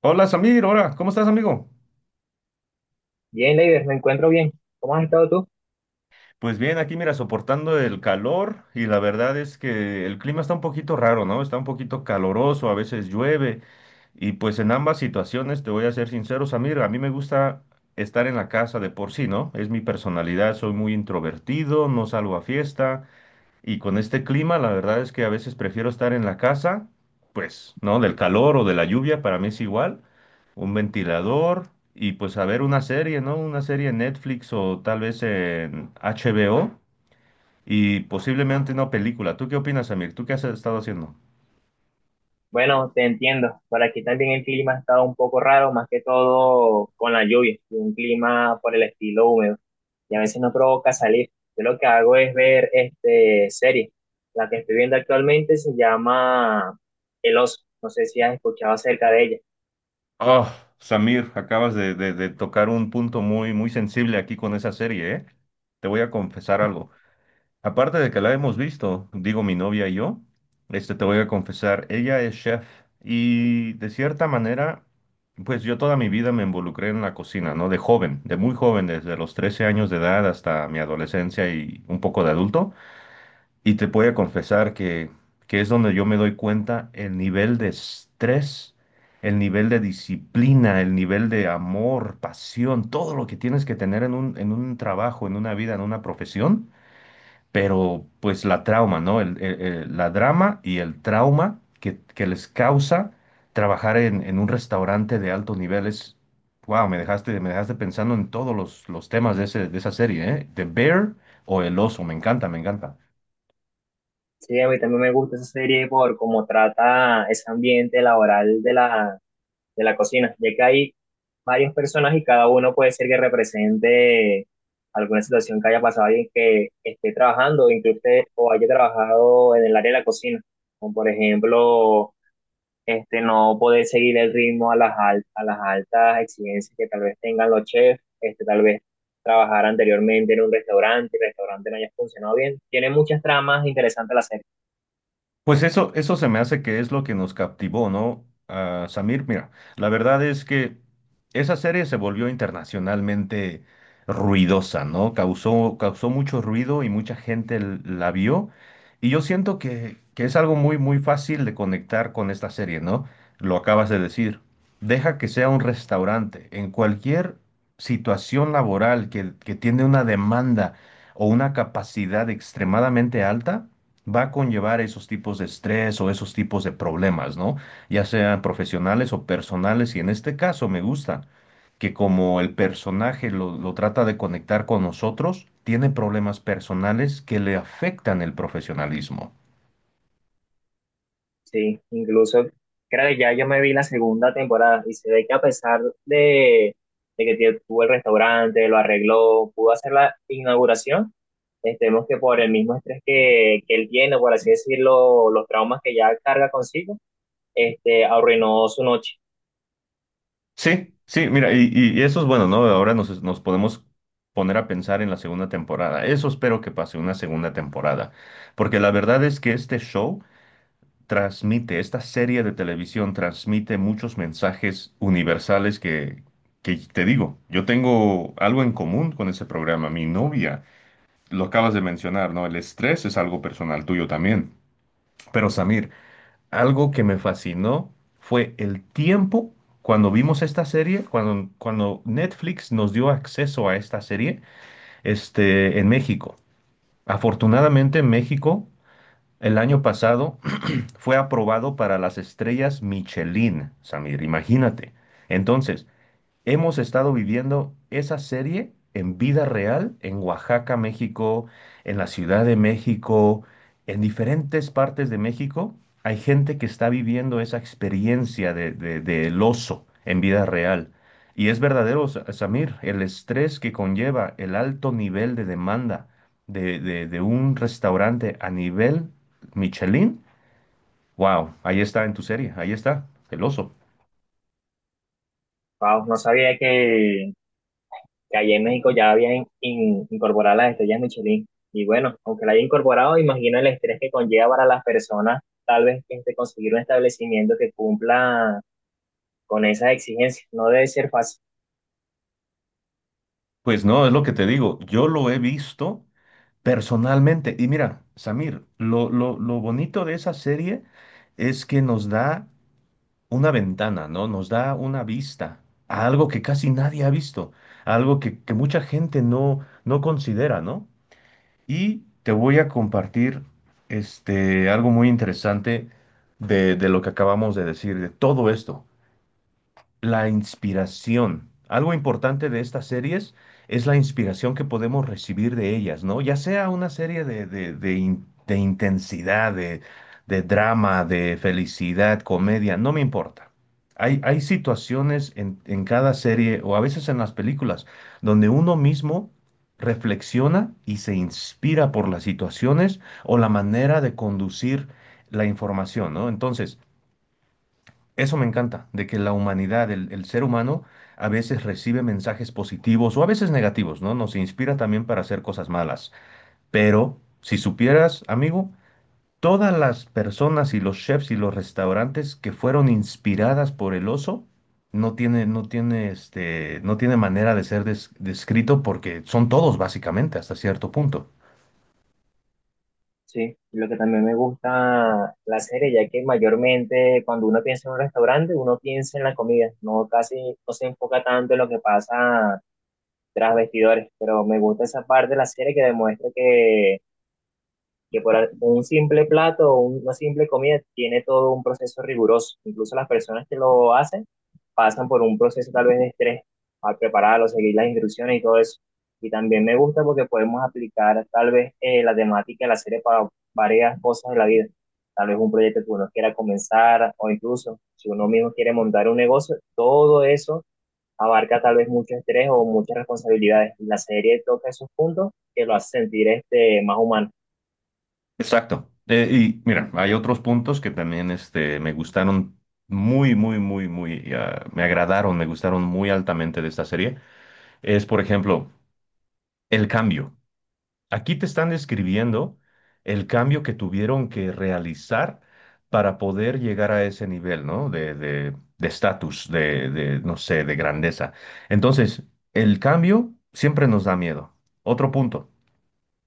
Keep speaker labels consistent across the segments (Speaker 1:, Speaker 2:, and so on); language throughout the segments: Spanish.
Speaker 1: Hola Samir, hola, ¿cómo estás amigo?
Speaker 2: Bien, Leider, me encuentro bien. ¿Cómo has estado tú?
Speaker 1: Pues bien, aquí mira, soportando el calor y la verdad es que el clima está un poquito raro, ¿no? Está un poquito caloroso, a veces llueve y pues en ambas situaciones, te voy a ser sincero Samir, a mí me gusta estar en la casa de por sí, ¿no? Es mi personalidad, soy muy introvertido, no salgo a fiesta. Y con este clima, la verdad es que a veces prefiero estar en la casa, pues, ¿no? Del calor o de la lluvia, para mí es igual. Un ventilador y pues a ver una serie, ¿no? Una serie en Netflix o tal vez en HBO y posiblemente una película. ¿Tú qué opinas, Samir? ¿Tú qué has estado haciendo?
Speaker 2: Bueno, te entiendo. Por aquí también el clima ha estado un poco raro, más que todo con la lluvia, y un clima por el estilo húmedo. Y a veces no provoca salir. Yo lo que hago es ver este serie. La que estoy viendo actualmente se llama El Oso. No sé si has escuchado acerca de ella.
Speaker 1: Oh, Samir, acabas de tocar un punto muy sensible aquí con esa serie, ¿eh? Te voy a confesar algo. Aparte de que la hemos visto, digo mi novia y yo, te voy a confesar, ella es chef y de cierta manera, pues yo toda mi vida me involucré en la cocina, ¿no? De joven, de muy joven, desde los 13 años de edad hasta mi adolescencia y un poco de adulto. Y te voy a confesar que es donde yo me doy cuenta el nivel de estrés, el nivel de disciplina, el nivel de amor, pasión, todo lo que tienes que tener en un trabajo, en una vida, en una profesión, pero pues la trauma, ¿no? La drama y el trauma que les causa trabajar en un restaurante de alto nivel es, wow, me dejaste pensando en todos los temas de esa serie, ¿eh? The Bear o El Oso, me encanta, me encanta.
Speaker 2: Sí, a mí también me gusta esa serie por cómo trata ese ambiente laboral de la cocina, ya que hay varios personas y cada uno puede ser que represente alguna situación que haya pasado alguien que esté trabajando, incluso o haya trabajado en el área de la cocina, como por ejemplo, no poder seguir el ritmo a a las altas exigencias que tal vez tengan los chefs, tal vez trabajar anteriormente en un restaurante, el restaurante no haya funcionado bien. Tiene muchas tramas interesantes la serie.
Speaker 1: Pues eso se me hace que es lo que nos captivó, ¿no? Ah, Samir, mira, la verdad es que esa serie se volvió internacionalmente ruidosa, ¿no? Causó mucho ruido y mucha gente la vio. Y yo siento que es algo muy fácil de conectar con esta serie, ¿no? Lo acabas de decir. Deja que sea un restaurante. En cualquier situación laboral que tiene una demanda o una capacidad extremadamente alta, va a conllevar esos tipos de estrés o esos tipos de problemas, ¿no? Ya sean profesionales o personales, y en este caso me gusta que como el personaje lo trata de conectar con nosotros, tiene problemas personales que le afectan el profesionalismo.
Speaker 2: Sí, incluso creo que ya yo me vi la segunda temporada y se ve que a pesar de que tuvo el restaurante, lo arregló, pudo hacer la inauguración, estemos que por el mismo estrés que él tiene, por así decirlo, los traumas que ya carga consigo, arruinó su noche.
Speaker 1: Sí, sí, mira, y eso es bueno, ¿no? Ahora nos podemos poner a pensar en la segunda temporada. Eso espero que pase una segunda temporada, porque la verdad es que este show transmite, esta serie de televisión transmite muchos mensajes universales que te digo, yo tengo algo en común con ese programa. Mi novia, lo acabas de mencionar, ¿no? El estrés es algo personal tuyo también. Pero Samir, algo que me fascinó fue el tiempo cuando vimos esta serie, cuando Netflix nos dio acceso a esta serie, en México. Afortunadamente en México, el año pasado, fue aprobado para las estrellas Michelin, Samir, imagínate. Entonces, hemos estado viviendo esa serie en vida real en Oaxaca, México, en la Ciudad de México, en diferentes partes de México. Hay gente que está viviendo esa experiencia del oso en vida real. Y es verdadero, Samir, el estrés que conlleva el alto nivel de demanda de un restaurante a nivel Michelin. Wow, ahí está en tu serie, ahí está, el oso.
Speaker 2: Wow, no sabía que allá en México ya habían incorporado las estrellas Michelin. Y bueno, aunque la haya incorporado, imagino el estrés que conlleva para las personas tal vez conseguir un establecimiento que cumpla con esas exigencias. No debe ser fácil,
Speaker 1: Pues no, es lo que te digo, yo lo he visto personalmente. Y mira, Samir, lo bonito de esa serie es que nos da una ventana, ¿no? Nos da una vista a algo que casi nadie ha visto, a algo que mucha gente no considera, ¿no? Y te voy a compartir algo muy interesante de lo que acabamos de decir, de todo esto. La inspiración. Algo importante de estas series es la inspiración que podemos recibir de ellas, ¿no? Ya sea una serie de intensidad, de drama, de felicidad, comedia, no me importa. Hay situaciones en cada serie o a veces en las películas donde uno mismo reflexiona y se inspira por las situaciones o la manera de conducir la información, ¿no? Entonces, eso me encanta, de que la humanidad, el ser humano, a veces recibe mensajes positivos o a veces negativos, ¿no? Nos inspira también para hacer cosas malas. Pero, si supieras, amigo, todas las personas y los chefs y los restaurantes que fueron inspiradas por el oso, no tiene manera de ser descrito porque son todos básicamente hasta cierto punto.
Speaker 2: sí. Lo que también me gusta la serie, ya que mayormente cuando uno piensa en un restaurante, uno piensa en la comida, no casi no se enfoca tanto en lo que pasa tras vestidores, pero me gusta esa parte de la serie que demuestra que por un simple plato o una simple comida tiene todo un proceso riguroso. Incluso las personas que lo hacen pasan por un proceso tal vez de estrés al prepararlo, seguir las instrucciones y todo eso. Y también me gusta porque podemos aplicar tal vez la temática de la serie para varias cosas de la vida. Tal vez un proyecto que uno quiera comenzar o incluso si uno mismo quiere montar un negocio, todo eso abarca tal vez mucho estrés o muchas responsabilidades. La serie toca esos puntos que lo hace sentir más humano.
Speaker 1: Exacto. Y mira, hay otros puntos que también me gustaron me agradaron, me gustaron muy altamente de esta serie. Es, por ejemplo, el cambio. Aquí te están describiendo el cambio que tuvieron que realizar para poder llegar a ese nivel, ¿no? De estatus, no sé, de grandeza. Entonces, el cambio siempre nos da miedo. Otro punto.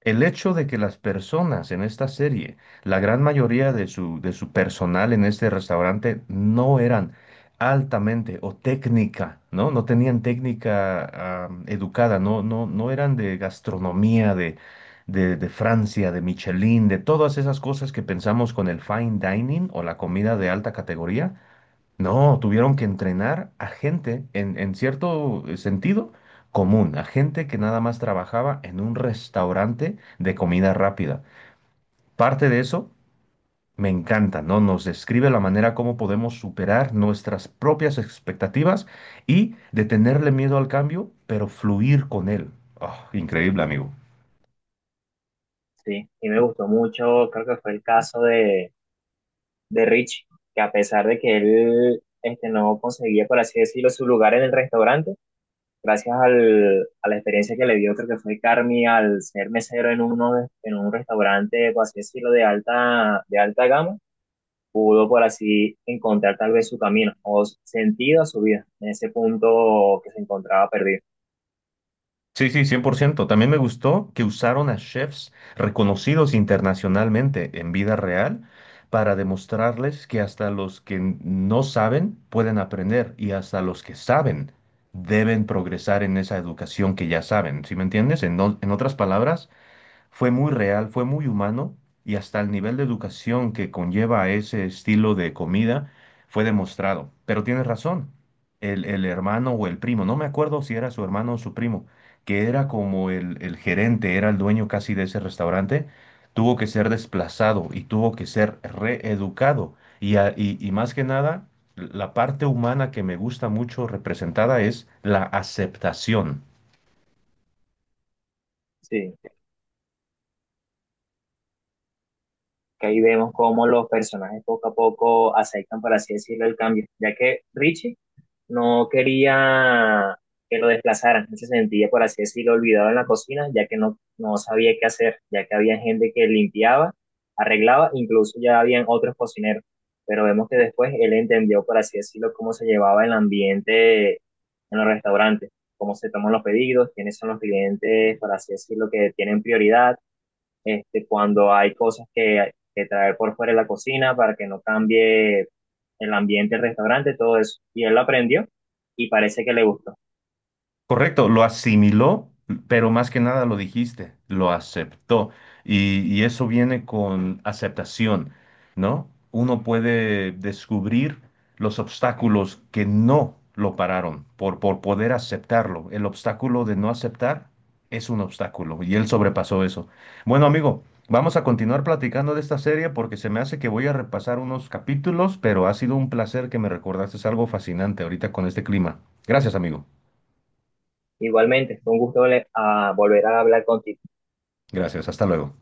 Speaker 1: El hecho de que las personas en esta serie, la gran mayoría de su personal en este restaurante, no eran altamente o técnica, ¿no? No tenían técnica educada, no eran de gastronomía, de Francia, de Michelin, de todas esas cosas que pensamos con el fine dining o la comida de alta categoría. No, tuvieron que entrenar a gente, en cierto sentido, común, a gente que nada más trabajaba en un restaurante de comida rápida. Parte de eso me encanta, ¿no? Nos describe la manera como podemos superar nuestras propias expectativas y de tenerle miedo al cambio, pero fluir con él. Oh, increíble, amigo.
Speaker 2: Sí, y me gustó mucho, creo que fue el caso de Rich, que a pesar de que él no conseguía, por así decirlo, su lugar en el restaurante, gracias al, a la experiencia que le dio, creo que fue Carmi al ser mesero en un restaurante, por así decirlo, de alta gama, pudo por así encontrar tal vez su camino o sentido a su vida en ese punto que se encontraba perdido.
Speaker 1: Sí, sí, 100%. También me gustó que usaron a chefs reconocidos internacionalmente en vida real para demostrarles que hasta los que no saben pueden aprender y hasta los que saben deben progresar en esa educación que ya saben. ¿Sí me entiendes? En otras palabras, fue muy real, fue muy humano y hasta el nivel de educación que conlleva ese estilo de comida fue demostrado. Pero tienes razón, el hermano o el primo, no me acuerdo si era su hermano o su primo, que era como el gerente, era el dueño casi de ese restaurante, tuvo que ser desplazado y tuvo que ser reeducado. Y más que nada, la parte humana que me gusta mucho representada es la aceptación.
Speaker 2: Sí, que ahí vemos cómo los personajes poco a poco aceptan, por así decirlo, el cambio, ya que Richie no quería que lo desplazaran, se sentía, por así decirlo, olvidado en la cocina, ya que no sabía qué hacer, ya que había gente que limpiaba, arreglaba, incluso ya habían otros cocineros, pero vemos que después él entendió, por así decirlo, cómo se llevaba el ambiente en los restaurantes, cómo se toman los pedidos, quiénes son los clientes, por así decirlo, que tienen prioridad, cuando hay cosas que traer por fuera de la cocina para que no cambie el ambiente del restaurante, todo eso. Y él lo aprendió y parece que le gustó.
Speaker 1: Correcto, lo asimiló, pero más que nada lo dijiste, lo aceptó. Y eso viene con aceptación, ¿no? Uno puede descubrir los obstáculos que no lo pararon por poder aceptarlo. El obstáculo de no aceptar es un obstáculo y él sobrepasó eso. Bueno, amigo, vamos a continuar platicando de esta serie porque se me hace que voy a repasar unos capítulos, pero ha sido un placer que me recordaste algo fascinante ahorita con este clima. Gracias, amigo.
Speaker 2: Igualmente, fue un gusto a volver a hablar contigo.
Speaker 1: Gracias, hasta luego.